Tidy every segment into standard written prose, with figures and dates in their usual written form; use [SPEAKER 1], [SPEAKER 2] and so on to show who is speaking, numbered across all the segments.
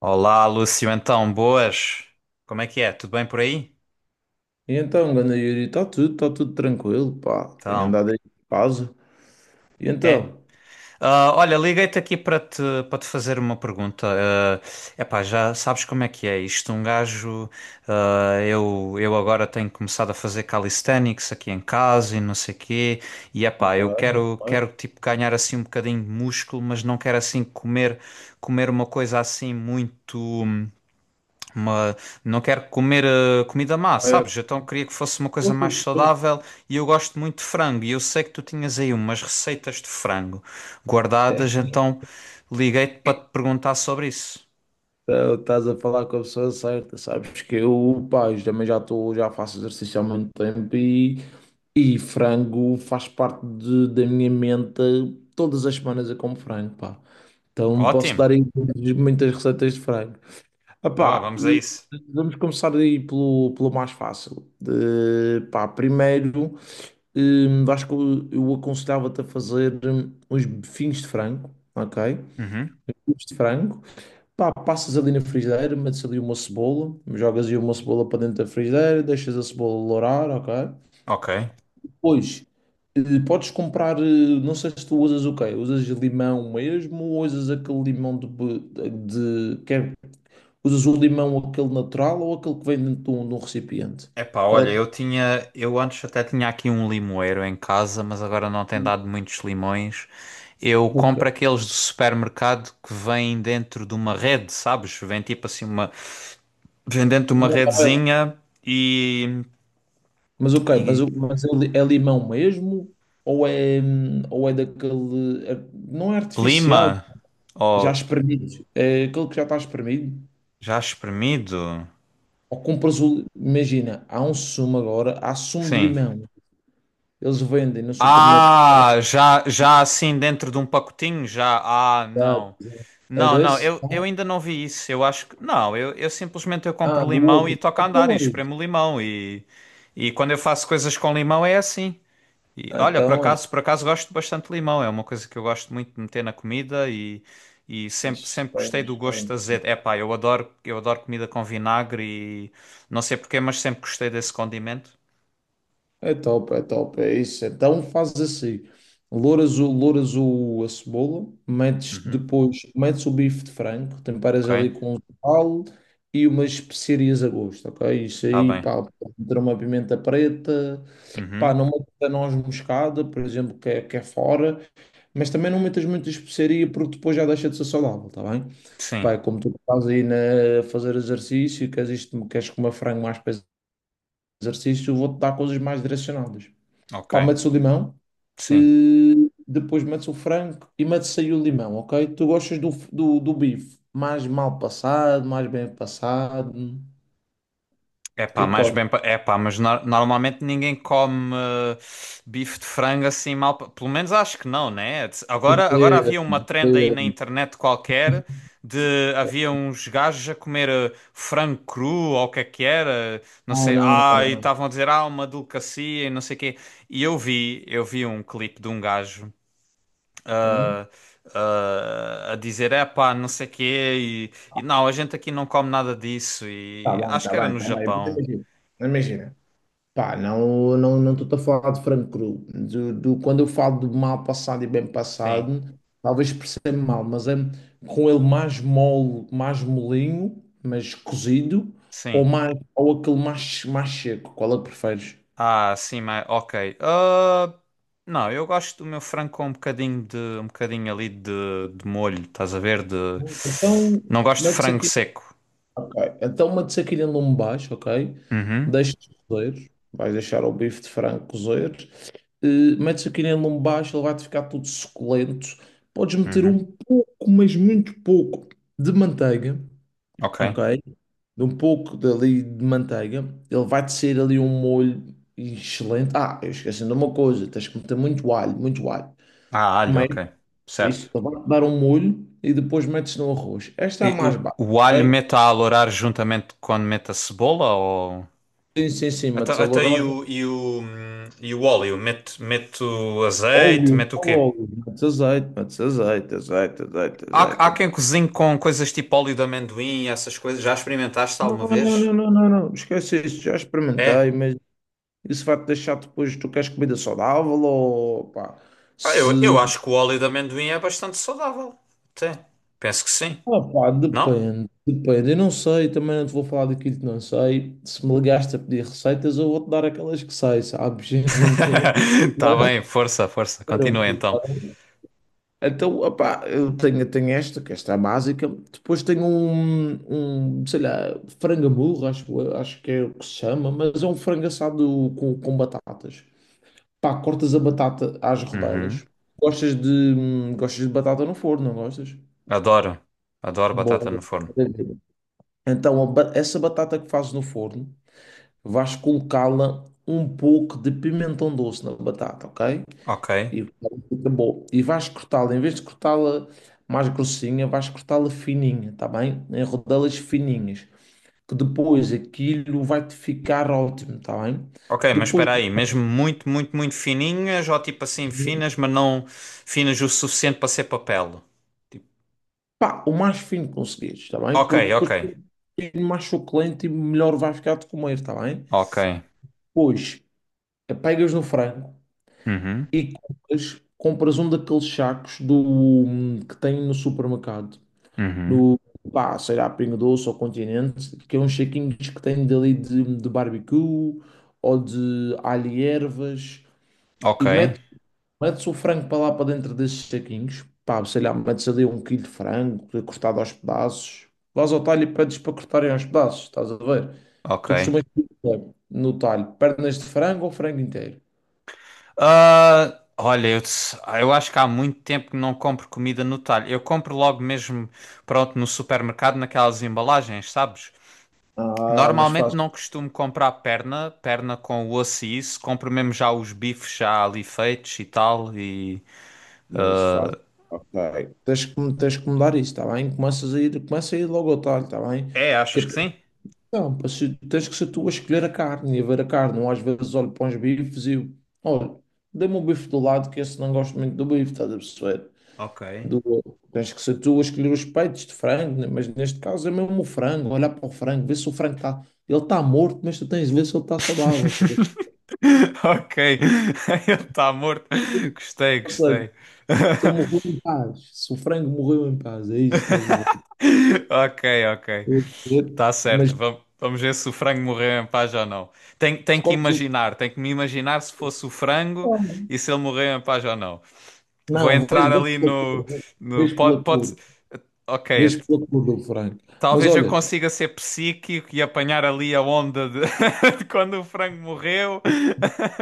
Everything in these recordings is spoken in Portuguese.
[SPEAKER 1] Olá, Lúcio, então, boas? Como é que é? Tudo bem por aí?
[SPEAKER 2] E então, ganda Yuri, está tudo tranquilo, pá. Tenho
[SPEAKER 1] Então,
[SPEAKER 2] andado aí de casa. E
[SPEAKER 1] é?
[SPEAKER 2] então?
[SPEAKER 1] Ah, olha, liguei-te aqui para te fazer uma pergunta. É epá, já sabes como é que é isto? Um gajo, eu agora tenho começado a fazer calisthenics aqui em casa e não sei quê. E epá,
[SPEAKER 2] Opa, opa,
[SPEAKER 1] quero tipo ganhar assim um bocadinho de músculo, mas não quero assim comer, comer uma coisa assim muito. Mas não quero comer comida má,
[SPEAKER 2] é,
[SPEAKER 1] sabes? Então queria que fosse uma coisa
[SPEAKER 2] opa.
[SPEAKER 1] mais saudável e eu gosto muito de frango. E eu sei que tu tinhas aí umas receitas de frango guardadas, então liguei-te para te perguntar sobre isso.
[SPEAKER 2] Então, estás a falar com a pessoa certa, sabes que eu, pá, eu também já faço exercício há muito tempo e frango faz parte da minha mente. Todas as semanas eu como frango, pá. Então posso
[SPEAKER 1] Ótimo!
[SPEAKER 2] dar aí muitas muitas receitas de frango. Ah,
[SPEAKER 1] Boa,
[SPEAKER 2] pá,
[SPEAKER 1] vamos a isso.
[SPEAKER 2] vamos começar aí pelo mais fácil. De, pá, primeiro. Acho que eu aconselhava-te a fazer uns bifinhos de frango, ok?
[SPEAKER 1] Uhum.
[SPEAKER 2] Bifinhos de frango, pá, passas ali na frigideira, metes ali uma cebola, jogas aí uma cebola para dentro da frigideira, deixas a cebola lourar, ok?
[SPEAKER 1] Ok.
[SPEAKER 2] Depois, eh, podes comprar, não sei se tu usas o quê? Usas limão mesmo ou usas aquele limão usas o limão aquele natural ou aquele que vem dentro de um recipiente?
[SPEAKER 1] Epá,
[SPEAKER 2] Qual é
[SPEAKER 1] olha,
[SPEAKER 2] que...
[SPEAKER 1] eu antes até tinha aqui um limoeiro em casa, mas agora não tem dado muitos limões. Eu
[SPEAKER 2] Ok.
[SPEAKER 1] compro aqueles do supermercado que vêm dentro de uma rede, sabes? Vem tipo assim uma, vendendo-te uma redezinha e,
[SPEAKER 2] Mas ok,
[SPEAKER 1] e
[SPEAKER 2] é limão mesmo? Ou é daquele. Não é artificial,
[SPEAKER 1] lima,
[SPEAKER 2] já
[SPEAKER 1] ou
[SPEAKER 2] espremido. É aquele que já está espremido.
[SPEAKER 1] já espremido,
[SPEAKER 2] Ou compras o. Imagina, há sumo de
[SPEAKER 1] sim.
[SPEAKER 2] limão. Eles vendem no supermercado.
[SPEAKER 1] Ah, já assim dentro de um pacotinho, já, ah, não.
[SPEAKER 2] É
[SPEAKER 1] Não,
[SPEAKER 2] desse?
[SPEAKER 1] eu ainda não vi isso, eu acho que, não, eu simplesmente eu
[SPEAKER 2] Ah,
[SPEAKER 1] compro
[SPEAKER 2] do
[SPEAKER 1] limão e
[SPEAKER 2] outro.
[SPEAKER 1] toco a andar e
[SPEAKER 2] Então é isso.
[SPEAKER 1] espremo limão e quando eu faço coisas com limão é assim. E olha,
[SPEAKER 2] Então é
[SPEAKER 1] por acaso gosto bastante de limão, é uma coisa que eu gosto muito de meter na comida e sempre,
[SPEAKER 2] isso.
[SPEAKER 1] sempre gostei do gosto azedo. Epá, eu adoro comida com vinagre e não sei porquê, mas sempre gostei desse condimento.
[SPEAKER 2] É top, é top, é isso. Então faz assim: louras a cebola, metes
[SPEAKER 1] Uhum,
[SPEAKER 2] depois, metes o bife de frango, temperas
[SPEAKER 1] ok,
[SPEAKER 2] ali com um sal e umas especiarias a gosto, ok? Isso
[SPEAKER 1] está
[SPEAKER 2] aí,
[SPEAKER 1] bem.
[SPEAKER 2] pá, pode meter uma pimenta preta, pá,
[SPEAKER 1] Uhum,
[SPEAKER 2] não metas a noz moscada, por exemplo, que é fora, mas também não metas muita especiaria porque depois já deixa de ser saudável, tá bem?
[SPEAKER 1] sim,
[SPEAKER 2] Pá, é como tu estás aí a fazer exercício, e queres comer frango mais para exercício, eu vou-te dar coisas mais direcionadas.
[SPEAKER 1] ok,
[SPEAKER 2] Pá, metes o limão,
[SPEAKER 1] sim.
[SPEAKER 2] depois metes o frango e metes aí o limão, ok? Tu gostas do bife mais mal passado, mais bem passado?
[SPEAKER 1] É
[SPEAKER 2] O que
[SPEAKER 1] pá,
[SPEAKER 2] é que
[SPEAKER 1] mais bem.
[SPEAKER 2] gostas?
[SPEAKER 1] É pá, mas normalmente ninguém come bife de frango assim mal. Pelo menos acho que não, né? Agora
[SPEAKER 2] Eh,
[SPEAKER 1] havia uma trend aí na
[SPEAKER 2] eh,
[SPEAKER 1] internet qualquer de havia uns gajos a comer frango cru ou o que é que era, não
[SPEAKER 2] Não,
[SPEAKER 1] sei.
[SPEAKER 2] não,
[SPEAKER 1] Ah,
[SPEAKER 2] não,
[SPEAKER 1] e
[SPEAKER 2] não.
[SPEAKER 1] estavam a dizer, ah, uma delicacia e não sei o quê. E eu vi um clipe de um gajo.
[SPEAKER 2] Hum?
[SPEAKER 1] ah, a dizer, é pá, não sei o quê, e não, a gente aqui não come nada disso,
[SPEAKER 2] Tá
[SPEAKER 1] e
[SPEAKER 2] bem,
[SPEAKER 1] acho
[SPEAKER 2] tá
[SPEAKER 1] que era
[SPEAKER 2] bem,
[SPEAKER 1] no
[SPEAKER 2] tá bem. Mas
[SPEAKER 1] Japão.
[SPEAKER 2] imagina, pá, não, não, não estou a falar de frango cru. Quando eu falo do mal passado e bem
[SPEAKER 1] Sim,
[SPEAKER 2] passado, talvez perceba mal, mas é com ele mais mole, mais molinho, mas cozido, ou,
[SPEAKER 1] sim.
[SPEAKER 2] mais, ou aquele mais seco, qual é que preferes?
[SPEAKER 1] Ah, sim, mas ok. Ah, não, eu gosto do meu frango com um bocadinho de um bocadinho ali de molho, estás a ver? De
[SPEAKER 2] Então,
[SPEAKER 1] não gosto de
[SPEAKER 2] metes
[SPEAKER 1] frango
[SPEAKER 2] aquilo,
[SPEAKER 1] seco.
[SPEAKER 2] ok. Então, metes aquilo em lume baixo, ok?
[SPEAKER 1] Uhum,
[SPEAKER 2] Deixa cozer, vais deixar o bife de frango cozer, metes aquilo em lombo baixo, ele vai-te ficar todo suculento. Podes meter
[SPEAKER 1] uhum.
[SPEAKER 2] um pouco, mas muito pouco, de manteiga,
[SPEAKER 1] Ok.
[SPEAKER 2] ok? De um pouco dali de manteiga. Ele vai-te sair ali um molho excelente. Ah, eu esqueci de uma coisa, tens que meter muito alho, muito alho.
[SPEAKER 1] Ah, alho,
[SPEAKER 2] Mas
[SPEAKER 1] ok. Certo.
[SPEAKER 2] isso, ele vai-te dar um molho e depois metes no arroz. Esta é a
[SPEAKER 1] E
[SPEAKER 2] mais
[SPEAKER 1] o,
[SPEAKER 2] básica,
[SPEAKER 1] o alho
[SPEAKER 2] ok?
[SPEAKER 1] mete a alourar juntamente quando mete a cebola ou
[SPEAKER 2] Tens em cima
[SPEAKER 1] até,
[SPEAKER 2] de sal
[SPEAKER 1] até
[SPEAKER 2] de
[SPEAKER 1] e
[SPEAKER 2] óleo,
[SPEAKER 1] o e o, e o óleo, mete o azeite,
[SPEAKER 2] óleo,
[SPEAKER 1] mete o quê?
[SPEAKER 2] óleo, metes azeite, azeite, azeite,
[SPEAKER 1] Há
[SPEAKER 2] azeite,
[SPEAKER 1] quem cozinhe com coisas tipo óleo de amendoim, essas coisas. Já experimentaste
[SPEAKER 2] não,
[SPEAKER 1] alguma
[SPEAKER 2] não, não,
[SPEAKER 1] vez?
[SPEAKER 2] não, não, não. Esquece isso, já experimentei,
[SPEAKER 1] É.
[SPEAKER 2] mas isso vai-te deixar depois, tu queres comida saudável ou pá,
[SPEAKER 1] Ah,
[SPEAKER 2] se...
[SPEAKER 1] eu acho que o óleo de amendoim é bastante saudável. Até. Penso que sim.
[SPEAKER 2] Ah, pá,
[SPEAKER 1] Não?
[SPEAKER 2] depende, depende. Eu não sei, também não te vou falar daquilo que não sei. Se me ligaste a pedir receitas, eu vou-te dar aquelas que sei, sabes? Não te
[SPEAKER 1] Tá
[SPEAKER 2] vou
[SPEAKER 1] bem, força, força.
[SPEAKER 2] dar
[SPEAKER 1] Continua
[SPEAKER 2] outras, tá
[SPEAKER 1] então.
[SPEAKER 2] bem? Então, opá, eu tenho esta, que esta é a básica. Depois tenho um, sei lá, frango à burro, acho que é o que se chama, mas é um frango assado com batatas. Pá, cortas a batata às rodelas.
[SPEAKER 1] Uhum.
[SPEAKER 2] Gostas de batata no forno, não gostas?
[SPEAKER 1] Adoro. Adoro batata
[SPEAKER 2] Bom.
[SPEAKER 1] no forno.
[SPEAKER 2] Então, essa batata que fazes no forno, vais colocá-la um pouco de pimentão doce na batata, ok?
[SPEAKER 1] Ok.
[SPEAKER 2] E fica bom. E vais cortá-la, em vez de cortá-la mais grossinha, vais cortá-la fininha, tá bem? Em rodelas fininhas, que depois aquilo vai-te ficar ótimo, tá bem?
[SPEAKER 1] Ok, mas
[SPEAKER 2] Depois,
[SPEAKER 1] espera aí. Mesmo muito, muito, muito fininhas ou tipo assim finas, mas não finas o suficiente para ser papel? Tipo,
[SPEAKER 2] pá, o mais fino que conseguires, está bem?
[SPEAKER 1] ok,
[SPEAKER 2] Porque
[SPEAKER 1] ok.
[SPEAKER 2] depois é mais suculento e melhor vai ficar de comer, está bem?
[SPEAKER 1] Ok.
[SPEAKER 2] Pois, pegas no frango
[SPEAKER 1] Uhum.
[SPEAKER 2] e compras um daqueles sacos que tem no supermercado.
[SPEAKER 1] Uhum.
[SPEAKER 2] No, pá, sei lá, Pingo Doce ou Continente, que é uns saquinhos que tem dali de barbecue ou de alho e ervas.
[SPEAKER 1] Ok.
[SPEAKER 2] E metes Metes o frango para lá para dentro desses saquinhos, pá, sei lá, metes ali um quilo de frango cortado aos pedaços, vais ao talho e pedes para cortarem aos pedaços, estás a ver? Tu
[SPEAKER 1] Ok.
[SPEAKER 2] costumas pedir no talho, pernas de frango ou frango inteiro?
[SPEAKER 1] Ah, olha, eu acho que há muito tempo que não compro comida no talho. Eu compro logo mesmo, pronto, no supermercado, naquelas embalagens, sabes?
[SPEAKER 2] Ah, mas
[SPEAKER 1] Normalmente
[SPEAKER 2] faz.
[SPEAKER 1] não costumo comprar perna com osso e isso. Compro mesmo já os bifes já ali feitos e tal. E...
[SPEAKER 2] Mas faz. Ok. Tens que mudar isso, está bem? Começa a ir logo ao talho, está bem?
[SPEAKER 1] É,
[SPEAKER 2] Que é
[SPEAKER 1] achas que
[SPEAKER 2] para-
[SPEAKER 1] sim?
[SPEAKER 2] não, para se- tens que ser tu a escolher a carne e a ver a carne. Não às vezes olho para uns bifes e eu, olha, dê-me um bife do lado, que esse não gosto muito do bife, estás a perceber?
[SPEAKER 1] Ok.
[SPEAKER 2] Do, Tens que ser tu a escolher os peitos de frango, né? Mas neste caso é mesmo o frango, olhar para o frango, ver se o frango está. Ele está morto, mas tu tens de ver se ele está saudável. Tá a ver?
[SPEAKER 1] Ok, ele está morto. Gostei,
[SPEAKER 2] Ou seja,
[SPEAKER 1] gostei.
[SPEAKER 2] se ele morreu em paz, se o frango morreu em paz, é isso, tens de ver.
[SPEAKER 1] Ok, ok.
[SPEAKER 2] Eu vou dizer,
[SPEAKER 1] Tá
[SPEAKER 2] mas
[SPEAKER 1] certo, vamos ver se o frango morreu em paz ou não.
[SPEAKER 2] escolhes o.
[SPEAKER 1] Tem que me imaginar se fosse o frango e se ele morreu em paz ou não. Vou
[SPEAKER 2] Não, vês,
[SPEAKER 1] entrar
[SPEAKER 2] vês
[SPEAKER 1] ali
[SPEAKER 2] pela
[SPEAKER 1] no,
[SPEAKER 2] cor,
[SPEAKER 1] no
[SPEAKER 2] vês
[SPEAKER 1] pode,
[SPEAKER 2] pela
[SPEAKER 1] pode,
[SPEAKER 2] cor,
[SPEAKER 1] ok,
[SPEAKER 2] vês pela cor do frango. Mas
[SPEAKER 1] talvez eu
[SPEAKER 2] olha,
[SPEAKER 1] consiga ser psíquico e apanhar ali a onda de, de quando o frango morreu.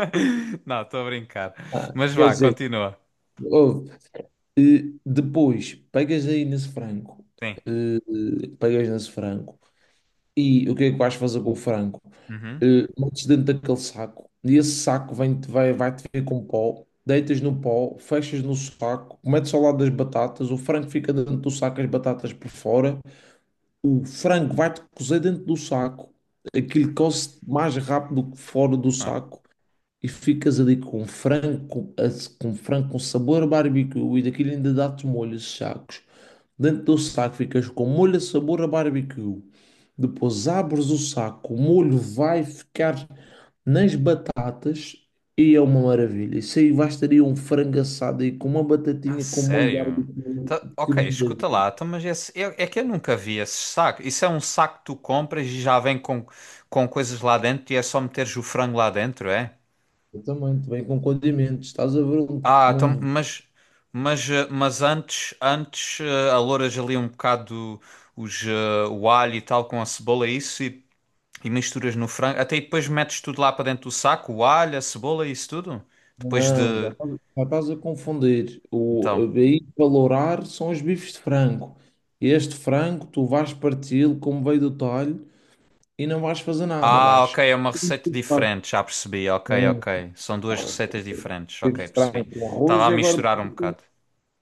[SPEAKER 1] Não, estou a brincar. Mas
[SPEAKER 2] quer
[SPEAKER 1] vá,
[SPEAKER 2] dizer,
[SPEAKER 1] continua.
[SPEAKER 2] ouve, depois pegas aí nesse frango,
[SPEAKER 1] Sim.
[SPEAKER 2] eh, pegas nesse frango. E o que é que vais fazer com o frango?
[SPEAKER 1] Uhum.
[SPEAKER 2] Metes dentro daquele saco. E esse saco vai-te ver com pó. Deitas no pó, fechas no saco, metes ao lado das batatas. O frango fica dentro do saco, as batatas por fora. O frango vai-te cozer dentro do saco. Aquilo coze mais rápido que fora do
[SPEAKER 1] Ah.
[SPEAKER 2] saco e ficas ali com frango com sabor a barbecue e daquilo ainda dá-te molhos sacos. Dentro do saco ficas com molho a sabor a barbecue. Depois abres o saco, o molho vai ficar nas batatas e é uma maravilha. Isso aí bastaria um frango assado aí com uma
[SPEAKER 1] Ah,
[SPEAKER 2] batatinha com molho de
[SPEAKER 1] sério?
[SPEAKER 2] barbecue.
[SPEAKER 1] Tá-
[SPEAKER 2] Que
[SPEAKER 1] ok,
[SPEAKER 2] maravilha.
[SPEAKER 1] escuta lá, então, mas esse, é que eu nunca vi esse saco. Isso é um saco que tu compras e já vem com coisas lá dentro e é só meteres o frango lá dentro, é?
[SPEAKER 2] Também, também com condimentos. Estás a ver onde,
[SPEAKER 1] Ah, então,
[SPEAKER 2] onde
[SPEAKER 1] mas, mas antes, antes alouras ali um bocado os, o alho e tal com a cebola e isso e misturas no frango. Até e depois metes tudo lá para dentro do saco, o alho, a cebola e isso tudo? Depois de...
[SPEAKER 2] não, já estás a confundir. O a
[SPEAKER 1] Então...
[SPEAKER 2] BI valorar são os bifes de frango. Este frango tu vais parti-lo como veio do talho e não vais fazer nada.
[SPEAKER 1] Ah,
[SPEAKER 2] Vais
[SPEAKER 1] ok, é uma receita
[SPEAKER 2] chupar.
[SPEAKER 1] diferente, já percebi. Ok,
[SPEAKER 2] Sim,
[SPEAKER 1] ok. São
[SPEAKER 2] tá
[SPEAKER 1] duas
[SPEAKER 2] bom.
[SPEAKER 1] receitas diferentes,
[SPEAKER 2] Bifes
[SPEAKER 1] ok,
[SPEAKER 2] de frango
[SPEAKER 1] percebi.
[SPEAKER 2] com
[SPEAKER 1] Estava
[SPEAKER 2] arroz
[SPEAKER 1] a
[SPEAKER 2] e agora
[SPEAKER 1] misturar um bocado.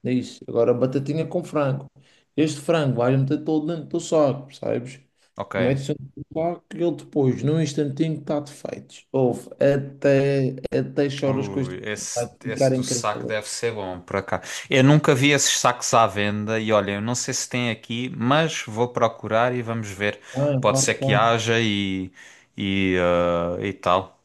[SPEAKER 2] é isso. Agora batatinha com frango. Este frango vais meter todo dentro do saco, percebes?
[SPEAKER 1] Ok.
[SPEAKER 2] Metes dentro do saco e ele depois, num instantinho, está-te feito. Ouve, até choras com este
[SPEAKER 1] Ui,
[SPEAKER 2] frango. Vai
[SPEAKER 1] esse
[SPEAKER 2] ficar
[SPEAKER 1] do saco
[SPEAKER 2] incrível.
[SPEAKER 1] deve ser bom, por acaso. Eu nunca vi esses sacos à venda e olha, eu não sei se tem aqui, mas vou procurar e vamos ver.
[SPEAKER 2] Ah,
[SPEAKER 1] Pode ser
[SPEAKER 2] claro que
[SPEAKER 1] que haja e, ah, e tal.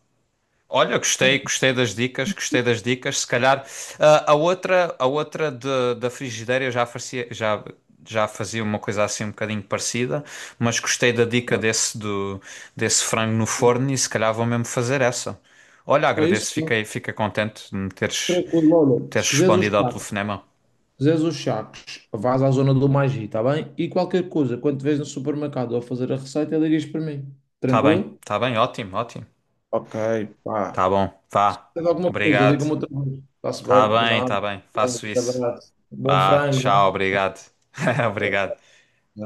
[SPEAKER 1] Olha, gostei,
[SPEAKER 2] está.
[SPEAKER 1] gostei das dicas, gostei das dicas. Se calhar, ah, a outra da frigideira eu já fazia, já, já fazia uma coisa assim um bocadinho parecida, mas gostei da dica desse do desse frango no forno e se calhar vou mesmo fazer essa. Olha,
[SPEAKER 2] É isso?
[SPEAKER 1] agradeço, fiquei contente de me
[SPEAKER 2] Tranquilo, olha, se
[SPEAKER 1] teres
[SPEAKER 2] quiseres os
[SPEAKER 1] respondido ao
[SPEAKER 2] sacos,
[SPEAKER 1] telefonema.
[SPEAKER 2] se quiseres os sacos, vais à zona do Magi, está bem? E qualquer coisa, quando te vês no supermercado a fazer a receita, ligas para mim. Tranquilo?
[SPEAKER 1] Tá bem, ótimo, ótimo.
[SPEAKER 2] Ok, pá.
[SPEAKER 1] Tá bom,
[SPEAKER 2] Se
[SPEAKER 1] vá.
[SPEAKER 2] tens alguma coisa,
[SPEAKER 1] Obrigado.
[SPEAKER 2] liga-me outra vez. Está-se bem, de nada.
[SPEAKER 1] Tá bem, faço
[SPEAKER 2] Um
[SPEAKER 1] isso.
[SPEAKER 2] abraço. Bom
[SPEAKER 1] Vá, tchau,
[SPEAKER 2] frango,
[SPEAKER 1] obrigado. Obrigado.
[SPEAKER 2] né?